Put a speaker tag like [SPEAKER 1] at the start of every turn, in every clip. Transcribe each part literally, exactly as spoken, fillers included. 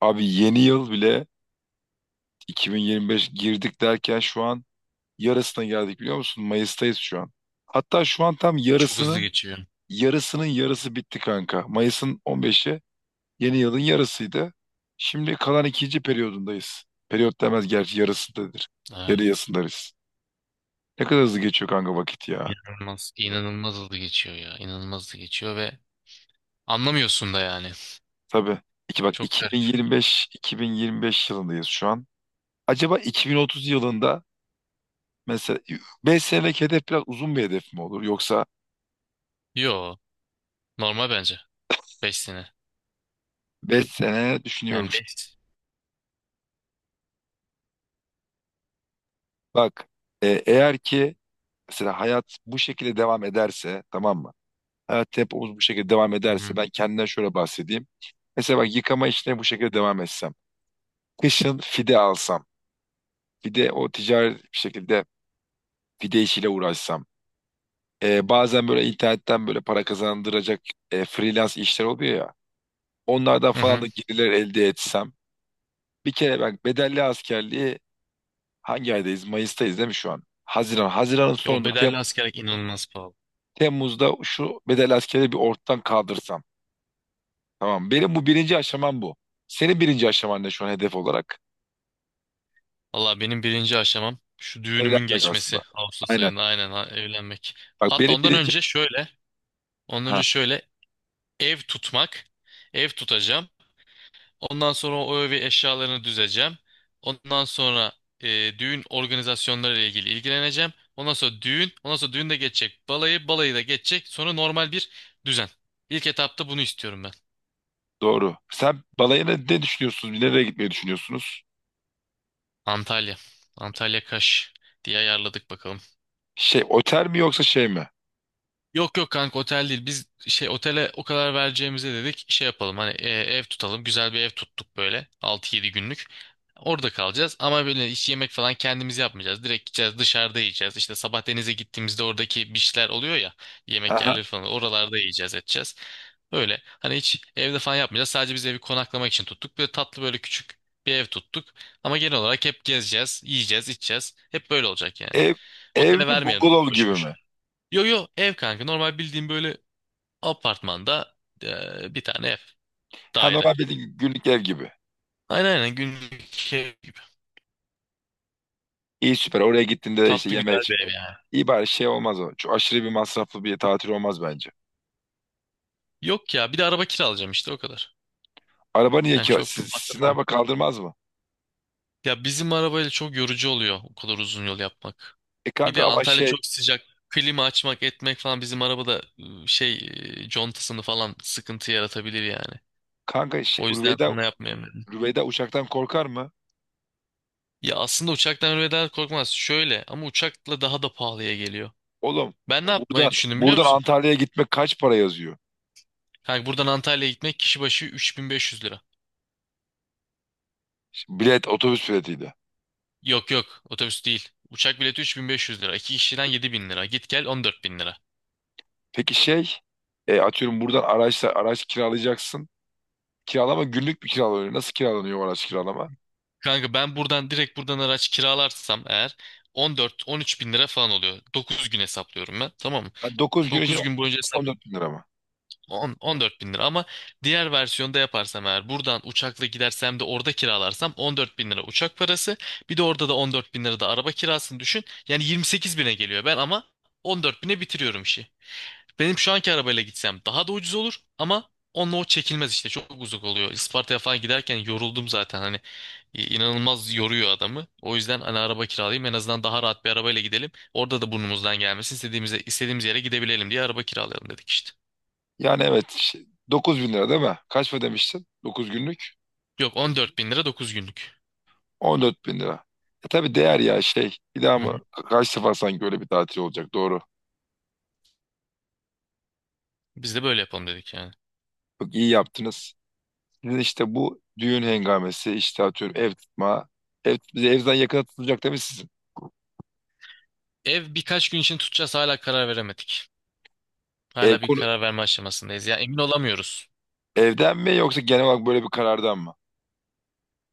[SPEAKER 1] Abi yeni yıl bile iki bin yirmi beş girdik derken şu an yarısına geldik biliyor musun? Mayıs'tayız şu an. Hatta şu an tam
[SPEAKER 2] Çok hızlı
[SPEAKER 1] yarısının
[SPEAKER 2] geçiyor.
[SPEAKER 1] yarısının yarısı bitti kanka. Mayıs'ın on beşi yeni yılın yarısıydı. Şimdi kalan ikinci periyodundayız. Periyot demez gerçi yarısındadır. Yarı
[SPEAKER 2] Evet.
[SPEAKER 1] yarısındayız. Ne kadar hızlı geçiyor kanka vakit ya.
[SPEAKER 2] İnanılmaz. inanılmaz hızlı geçiyor ya. İnanılmaz hızlı geçiyor ve anlamıyorsun da yani.
[SPEAKER 1] Tabii. İki bak
[SPEAKER 2] Çok garip.
[SPEAKER 1] iki bin yirmi beş iki bin yirmi beş yılındayız şu an. Acaba iki bin otuz yılında mesela beş senelik hedef biraz uzun bir hedef mi olur yoksa
[SPEAKER 2] Yo. Normal bence. beş sene.
[SPEAKER 1] beş sene
[SPEAKER 2] Yani
[SPEAKER 1] düşünüyormuş.
[SPEAKER 2] beş.
[SPEAKER 1] Bak e, eğer ki mesela hayat bu şekilde devam ederse tamam mı? Hayat tempomuz bu şekilde devam
[SPEAKER 2] Hı
[SPEAKER 1] ederse
[SPEAKER 2] hı.
[SPEAKER 1] ben kendimden şöyle bahsedeyim. Mesela bak yıkama işine bu şekilde devam etsem. Kışın fide alsam. Fide o ticari bir şekilde fide işiyle uğraşsam. E, bazen böyle internetten böyle para kazandıracak e, freelance işler oluyor ya. Onlardan
[SPEAKER 2] Hı
[SPEAKER 1] falan
[SPEAKER 2] hı.
[SPEAKER 1] da gelirler elde etsem. Bir kere bak bedelli askerliği hangi aydayız? Mayıs'tayız değil mi şu an? Haziran. Haziran'ın
[SPEAKER 2] Ya o
[SPEAKER 1] sonunda
[SPEAKER 2] bedelli
[SPEAKER 1] Temmuz.
[SPEAKER 2] askerlik inanılmaz pahalı.
[SPEAKER 1] Temmuz'da şu bedel askeri bir ortadan kaldırsam. Tamam. Benim bu birinci aşamam bu. Senin birinci aşaman ne şu an hedef olarak?
[SPEAKER 2] Allah, benim birinci aşamam şu düğünümün
[SPEAKER 1] Evlenmek aslında.
[SPEAKER 2] geçmesi. Ağustos
[SPEAKER 1] Aynen.
[SPEAKER 2] ayında, aynen, ha, evlenmek.
[SPEAKER 1] Bak
[SPEAKER 2] Hatta
[SPEAKER 1] benim
[SPEAKER 2] ondan
[SPEAKER 1] birinci...
[SPEAKER 2] önce şöyle. Ondan
[SPEAKER 1] Ha,
[SPEAKER 2] önce şöyle ev tutmak. Ev tutacağım. Ondan sonra o evi, eşyalarını düzeceğim. Ondan sonra e, düğün organizasyonları ile ilgili ilgileneceğim. Ondan sonra düğün, ondan sonra düğün de geçecek, balayı, balayı da geçecek. Sonra normal bir düzen. İlk etapta bunu istiyorum ben.
[SPEAKER 1] doğru. Sen balayına ne düşünüyorsunuz? Nereye gitmeyi düşünüyorsunuz?
[SPEAKER 2] Antalya. Antalya Kaş diye ayarladık, bakalım.
[SPEAKER 1] Şey, otel mi yoksa şey mi?
[SPEAKER 2] Yok yok kanka, otel değil. Biz şey, otele o kadar vereceğimize dedik şey yapalım, hani e, ev tutalım. Güzel bir ev tuttuk böyle, altı yedi günlük. Orada kalacağız ama böyle hiç yemek falan kendimiz yapmayacağız. Direkt gideceğiz, dışarıda yiyeceğiz. İşte sabah denize gittiğimizde oradaki beachler oluyor ya, yemek
[SPEAKER 1] Aha.
[SPEAKER 2] yerleri falan, oralarda yiyeceğiz, edeceğiz. Böyle hani hiç evde falan yapmayacağız. Sadece biz evi konaklamak için tuttuk. Böyle tatlı, böyle küçük bir ev tuttuk. Ama genel olarak hep gezeceğiz, yiyeceğiz, içeceğiz. Hep böyle olacak yani.
[SPEAKER 1] Ev, ev
[SPEAKER 2] Otele
[SPEAKER 1] mi
[SPEAKER 2] vermeyelim
[SPEAKER 1] bungalov
[SPEAKER 2] boşu
[SPEAKER 1] gibi mi?
[SPEAKER 2] boşuna. Yo yo, ev kanka, normal bildiğim böyle apartmanda eee, bir tane ev,
[SPEAKER 1] Ha,
[SPEAKER 2] daire.
[SPEAKER 1] normal bir günlük ev gibi.
[SPEAKER 2] Aynen aynen, günlük ev gibi.
[SPEAKER 1] İyi süper. Oraya gittiğinde de işte
[SPEAKER 2] Tatlı,
[SPEAKER 1] yeme
[SPEAKER 2] güzel
[SPEAKER 1] iç.
[SPEAKER 2] bir ev yani.
[SPEAKER 1] İyi bari şey olmaz o. Çok aşırı bir masraflı bir tatil olmaz bence.
[SPEAKER 2] Yok ya, bir de araba kiralayacağım işte, o kadar.
[SPEAKER 1] Araba niye
[SPEAKER 2] Yani
[SPEAKER 1] ki?
[SPEAKER 2] çok bir
[SPEAKER 1] Sizin
[SPEAKER 2] masraf olmuyor.
[SPEAKER 1] araba kaldırmaz mı?
[SPEAKER 2] Ya bizim arabayla çok yorucu oluyor o kadar uzun yol yapmak.
[SPEAKER 1] E
[SPEAKER 2] Bir
[SPEAKER 1] kanka
[SPEAKER 2] de
[SPEAKER 1] ama
[SPEAKER 2] Antalya
[SPEAKER 1] şey.
[SPEAKER 2] çok sıcak. Klima açmak etmek falan bizim arabada, ıı, şey, ıı, contasını falan sıkıntı yaratabilir yani.
[SPEAKER 1] Kanka şey,
[SPEAKER 2] O yüzden
[SPEAKER 1] Rüveyda,
[SPEAKER 2] onu yapmayayım dedim.
[SPEAKER 1] Rüveyda uçaktan korkar mı?
[SPEAKER 2] Ya aslında uçaktan ölmeden korkmaz. Şöyle, ama uçakla daha da pahalıya geliyor.
[SPEAKER 1] Oğlum
[SPEAKER 2] Ben ne yapmayı
[SPEAKER 1] buradan
[SPEAKER 2] düşündüm biliyor
[SPEAKER 1] buradan
[SPEAKER 2] musun?
[SPEAKER 1] Antalya'ya gitmek kaç para yazıyor?
[SPEAKER 2] Kanka buradan Antalya'ya gitmek kişi başı üç bin beş yüz lira.
[SPEAKER 1] Şimdi bilet otobüs biletiydi.
[SPEAKER 2] Yok yok, otobüs değil. Uçak bileti üç bin beş yüz lira. İki kişiden yedi bin lira. Git gel on dört bin lira.
[SPEAKER 1] Peki şey e, atıyorum buradan araçla araç kiralayacaksın. Kiralama günlük bir kiralanıyor. Nasıl kiralanıyor o araç kiralama?
[SPEAKER 2] Kanka ben buradan direkt, buradan araç kiralarsam eğer on dört on üç bin lira falan oluyor. dokuz gün hesaplıyorum ben, tamam mı?
[SPEAKER 1] dokuz gün için
[SPEAKER 2] dokuz gün boyunca hesap
[SPEAKER 1] on dört bin lira mı?
[SPEAKER 2] On- 14 bin lira, ama diğer versiyonda yaparsam eğer, buradan uçakla gidersem de orada kiralarsam, on dört bin lira uçak parası, bir de orada da on dört bin lira da araba kirasını düşün, yani yirmi sekize bine geliyor. Ben ama on dörde bine bitiriyorum işi. Benim şu anki arabayla gitsem daha da ucuz olur ama onunla o çekilmez işte, çok uzak oluyor. Isparta'ya falan giderken yoruldum zaten, hani i- inanılmaz yoruyor adamı. O yüzden hani araba kiralayayım, en azından daha rahat bir arabayla gidelim. Orada da burnumuzdan gelmesin istediğimize, istediğimiz yere gidebilelim diye araba kiralayalım dedik işte.
[SPEAKER 1] Yani evet şey, dokuz bin lira değil mi? Kaç mı demiştin? dokuz günlük
[SPEAKER 2] Yok, on dört bin lira dokuz günlük.
[SPEAKER 1] on dört bin lira. E tabii değer ya şey. Bir daha
[SPEAKER 2] Hı hı.
[SPEAKER 1] mı? Kaç sefer sanki öyle bir tatil olacak doğru.
[SPEAKER 2] Biz de böyle yapalım dedik yani.
[SPEAKER 1] Bak iyi yaptınız. Sizin işte bu düğün hengamesi işte atıyorum ev tutma. Ev, bize evden yakına tutulacak değil mi sizin?
[SPEAKER 2] Ev birkaç gün için tutacağız, hala karar veremedik.
[SPEAKER 1] Ev
[SPEAKER 2] Hala bir
[SPEAKER 1] konu
[SPEAKER 2] karar verme aşamasındayız. Ya emin olamıyoruz.
[SPEAKER 1] evden mi yoksa genel olarak böyle bir karardan mı?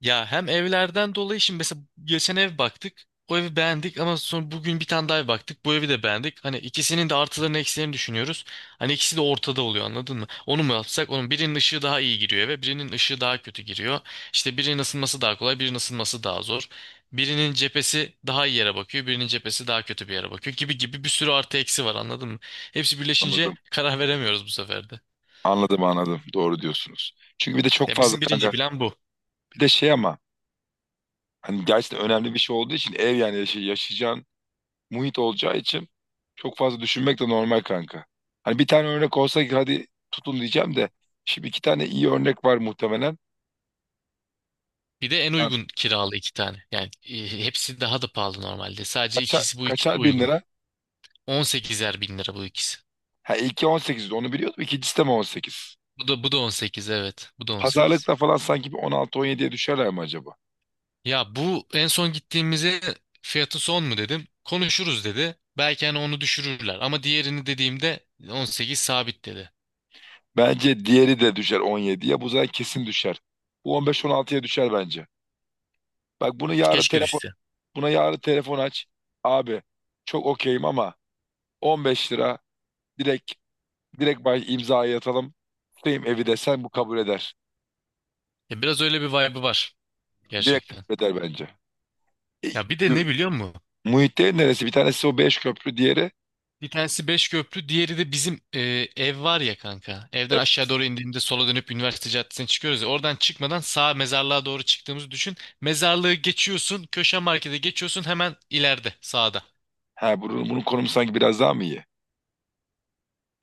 [SPEAKER 2] Ya hem evlerden dolayı, şimdi mesela geçen ev baktık. O evi beğendik ama sonra bugün bir tane daha ev baktık. Bu evi de beğendik. Hani ikisinin de artılarını eksilerini düşünüyoruz. Hani ikisi de ortada oluyor, anladın mı? Onu mu yapsak? Onun birinin ışığı daha iyi giriyor eve, birinin ışığı daha kötü giriyor. İşte birinin ısınması daha kolay, birinin ısınması daha zor. Birinin cephesi daha iyi yere bakıyor, birinin cephesi daha kötü bir yere bakıyor, gibi gibi bir sürü artı eksi var, anladın mı? Hepsi birleşince
[SPEAKER 1] Anladım.
[SPEAKER 2] karar veremiyoruz bu sefer de.
[SPEAKER 1] Anladım anladım. Doğru diyorsunuz. Çünkü bir de çok
[SPEAKER 2] Ya
[SPEAKER 1] fazla
[SPEAKER 2] bizim birinci
[SPEAKER 1] kanka.
[SPEAKER 2] plan bu.
[SPEAKER 1] Bir de şey ama hani gerçekten önemli bir şey olduğu için ev yani yaşay yaşayacağın muhit olacağı için çok fazla düşünmek de normal kanka. Hani bir tane örnek olsa ki hadi tutun diyeceğim de şimdi iki tane iyi örnek var muhtemelen.
[SPEAKER 2] Bir de en
[SPEAKER 1] Ha,
[SPEAKER 2] uygun kiralı iki tane. Yani e, hepsi daha da pahalı normalde. Sadece
[SPEAKER 1] kaça-
[SPEAKER 2] ikisi, bu ikisi
[SPEAKER 1] kaçar bin
[SPEAKER 2] uygun.
[SPEAKER 1] lira?
[SPEAKER 2] on sekizer bin lira bu ikisi.
[SPEAKER 1] Ha, ilki on sekizdi onu biliyordum. İkincisi de mi on sekiz?
[SPEAKER 2] Bu da, bu da on sekiz, evet. Bu da on sekiz.
[SPEAKER 1] Pazarlıkta falan sanki bir on altı on yediye düşerler mi acaba?
[SPEAKER 2] Ya bu en son gittiğimize fiyatı son mu dedim. Konuşuruz dedi. Belki hani onu düşürürler. Ama diğerini dediğimde on sekiz sabit dedi.
[SPEAKER 1] Bence diğeri de düşer on yediye. Bu zaten kesin düşer. Bu on beş on altıya düşer bence. Bak bunu yarın
[SPEAKER 2] Keşke
[SPEAKER 1] telefon
[SPEAKER 2] düşse.
[SPEAKER 1] buna yarın telefon aç. Abi çok okeyim ama on beş lira, direkt direkt baş imzayı atalım. Tutayım evi desen bu kabul eder.
[SPEAKER 2] Ya biraz öyle bir vibe'ı var
[SPEAKER 1] Direkt
[SPEAKER 2] gerçekten.
[SPEAKER 1] kabul eder bence. E,
[SPEAKER 2] Ya bir de ne
[SPEAKER 1] gö-
[SPEAKER 2] biliyor musun?
[SPEAKER 1] Muhittin neresi? Bir tanesi o beş köprü, diğeri
[SPEAKER 2] Bir tanesi Beşköprü, diğeri de bizim e, ev var ya kanka. Evden
[SPEAKER 1] e,
[SPEAKER 2] aşağı doğru indiğimde sola dönüp üniversite caddesine çıkıyoruz ya. Oradan çıkmadan sağ mezarlığa doğru çıktığımızı düşün. Mezarlığı geçiyorsun, köşe markete geçiyorsun, hemen ileride sağda.
[SPEAKER 1] ha bunun, bunun konumu sanki biraz daha mı iyi?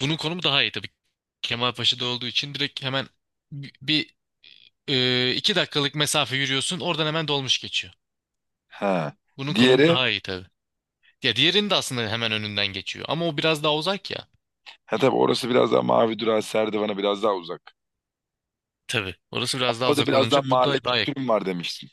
[SPEAKER 2] Bunun konumu daha iyi tabii. Kemalpaşa'da olduğu için direkt hemen bi- bir, e, iki dakikalık mesafe yürüyorsun. Oradan hemen dolmuş geçiyor.
[SPEAKER 1] Ha.
[SPEAKER 2] Bunun konumu
[SPEAKER 1] Diğeri,
[SPEAKER 2] daha iyi tabii. Ya diğerinin de aslında hemen önünden geçiyor. Ama o biraz daha uzak ya.
[SPEAKER 1] ha, tabii orası biraz daha Mavi Durağı Serdivan'a biraz daha uzak.
[SPEAKER 2] Tabii. Orası biraz daha
[SPEAKER 1] Orada
[SPEAKER 2] uzak
[SPEAKER 1] biraz daha
[SPEAKER 2] olunca bu
[SPEAKER 1] mahalle
[SPEAKER 2] da daha.
[SPEAKER 1] kültürüm var demiştin.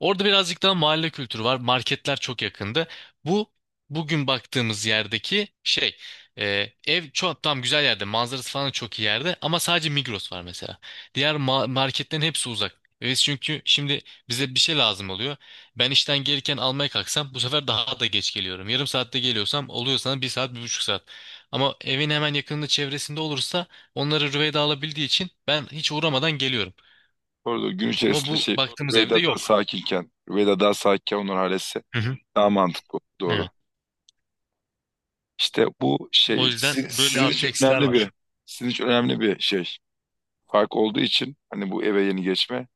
[SPEAKER 2] Orada birazcık daha mahalle kültürü var. Marketler çok yakındı. Bu bugün baktığımız yerdeki şey, e, ev çok tam güzel yerde. Manzarası falan çok iyi yerde ama sadece Migros var mesela. Diğer ma- marketlerin hepsi uzak. Evet, çünkü şimdi bize bir şey lazım oluyor. Ben işten gelirken almaya kalksam bu sefer daha da geç geliyorum. Yarım saatte geliyorsam oluyor sana bir saat bir buçuk saat. Ama evin hemen yakınında, çevresinde olursa onları Rüveyda alabildiği için ben hiç uğramadan geliyorum.
[SPEAKER 1] Orada gün
[SPEAKER 2] Ama
[SPEAKER 1] içerisinde
[SPEAKER 2] bu
[SPEAKER 1] şey
[SPEAKER 2] baktığımız evde
[SPEAKER 1] Rüveyda daha
[SPEAKER 2] yok.
[SPEAKER 1] sakinken, Rüveyda daha sakinken onlar halletse
[SPEAKER 2] Hı hı.
[SPEAKER 1] daha mantıklı doğru.
[SPEAKER 2] Evet.
[SPEAKER 1] İşte bu
[SPEAKER 2] O
[SPEAKER 1] şey
[SPEAKER 2] yüzden
[SPEAKER 1] sizin,
[SPEAKER 2] böyle
[SPEAKER 1] sizin
[SPEAKER 2] artı
[SPEAKER 1] için
[SPEAKER 2] eksiler
[SPEAKER 1] önemli
[SPEAKER 2] var.
[SPEAKER 1] bir sizin için önemli bir şey. Fark olduğu için hani bu eve yeni geçme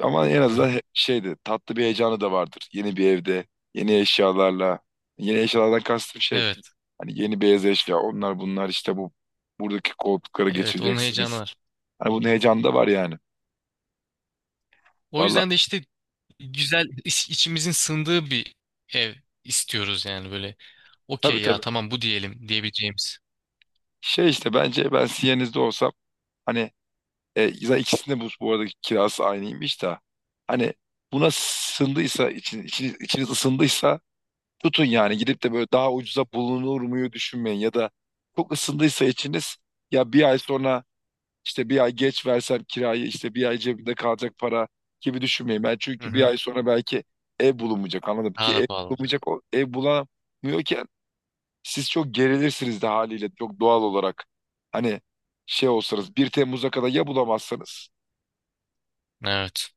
[SPEAKER 1] ama en
[SPEAKER 2] Hı
[SPEAKER 1] azından
[SPEAKER 2] hı.
[SPEAKER 1] he- şeydi tatlı bir heyecanı da vardır. Yeni bir evde, yeni eşyalarla, yeni eşyalardan kastım şey
[SPEAKER 2] Evet.
[SPEAKER 1] hani yeni beyaz eşya onlar bunlar işte bu buradaki koltukları
[SPEAKER 2] Evet, onun heyecanı
[SPEAKER 1] geçireceksiniz.
[SPEAKER 2] var.
[SPEAKER 1] Hani bunun heyecanı da var yani.
[SPEAKER 2] O
[SPEAKER 1] Vallahi.
[SPEAKER 2] yüzden de işte güzel, iç- içimizin sığındığı bir ev istiyoruz yani böyle.
[SPEAKER 1] Tabii
[SPEAKER 2] Okey ya,
[SPEAKER 1] tabii.
[SPEAKER 2] tamam bu diyelim diyebileceğimiz.
[SPEAKER 1] Şey işte bence ben Siyeniz'de olsam hani e, zaten ikisinde bu, bu arada kirası aynıymış da hani buna sındıysa için, içiniz, içiniz ısındıysa tutun yani gidip de böyle daha ucuza bulunur muyu düşünmeyin ya da çok ısındıysa içiniz ya bir ay sonra işte bir ay geç versem kirayı işte bir ay cebimde kalacak para gibi düşünmeyin. Ben
[SPEAKER 2] Hı
[SPEAKER 1] çünkü bir
[SPEAKER 2] hı.
[SPEAKER 1] ay sonra belki ev bulunmayacak anladım
[SPEAKER 2] Daha
[SPEAKER 1] ki
[SPEAKER 2] da
[SPEAKER 1] ev
[SPEAKER 2] pahalı olacak.
[SPEAKER 1] bulunmayacak o ev bulamıyorken siz çok gerilirsiniz de haliyle çok doğal olarak. Hani şey olsanız bir Temmuz'a kadar ya bulamazsanız.
[SPEAKER 2] Evet.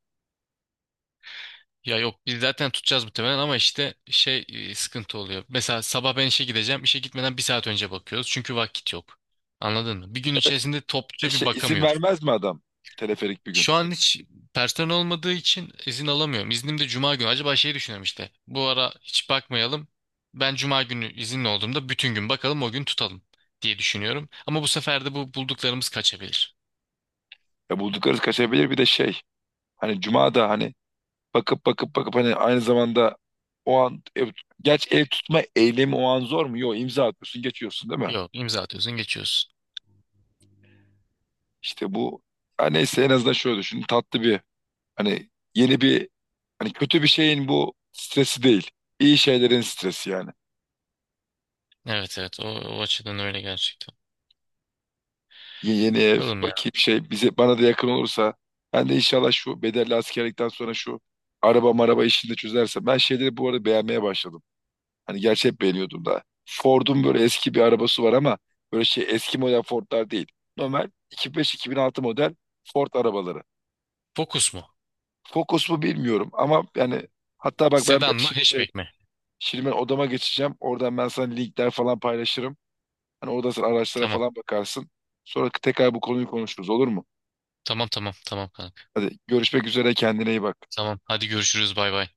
[SPEAKER 2] Ya yok, biz zaten tutacağız muhtemelen ama işte şey, e, sıkıntı oluyor. Mesela sabah ben işe gideceğim. İşe gitmeden bir saat önce bakıyoruz. Çünkü vakit yok. Anladın mı? Bir gün
[SPEAKER 1] Evet.
[SPEAKER 2] içerisinde
[SPEAKER 1] E
[SPEAKER 2] topluca bir
[SPEAKER 1] şey, izin
[SPEAKER 2] bakamıyoruz.
[SPEAKER 1] vermez mi adam? Teleferik bir gün.
[SPEAKER 2] Şu an hiç personel olmadığı için izin alamıyorum. İznim de cuma günü. Acaba şey düşünüyorum işte. Bu ara hiç bakmayalım. Ben cuma günü izinli olduğumda bütün gün bakalım, o gün tutalım diye düşünüyorum. Ama bu sefer de bu bulduklarımız kaçabilir.
[SPEAKER 1] Ya bulduklarınız kaçabilir bir de şey. Hani Cuma da hani bakıp bakıp bakıp hani aynı zamanda o an ev, geç ev tutma eylemi o an zor mu? Yok, imza atıyorsun geçiyorsun değil mi?
[SPEAKER 2] Yok, imza atıyorsun, geçiyorsun.
[SPEAKER 1] İşte bu, ha neyse en azından şöyle düşün tatlı bir hani yeni bir hani kötü bir şeyin bu stresi değil. İyi şeylerin stresi yani.
[SPEAKER 2] Evet evet, o, o açıdan öyle gerçekten.
[SPEAKER 1] Ye- Yeni ev
[SPEAKER 2] Bakalım ya.
[SPEAKER 1] bakayım şey bize bana da yakın olursa ben de inşallah şu bedelli askerlikten sonra şu araba maraba işini de çözersem ben şeyleri bu arada beğenmeye başladım. Hani gerçi hep beğeniyordum da. Ford'un böyle eski bir arabası var ama böyle şey eski model Ford'lar değil. Normal iki bin beş-iki bin altı model Ford arabaları.
[SPEAKER 2] Fokus mu?
[SPEAKER 1] Focus mu bilmiyorum ama yani hatta bak ben
[SPEAKER 2] Sedan mı,
[SPEAKER 1] şimdi şey
[SPEAKER 2] hatchback mi?
[SPEAKER 1] şimdi ben odama geçeceğim. Oradan ben sana linkler falan paylaşırım. Hani orada sen araçlara
[SPEAKER 2] Tamam.
[SPEAKER 1] falan bakarsın. Sonra tekrar bu konuyu konuşuruz olur mu?
[SPEAKER 2] Tamam tamam tamam kanka.
[SPEAKER 1] Hadi görüşmek üzere kendine iyi bak.
[SPEAKER 2] Tamam. Hadi görüşürüz. Bay bay.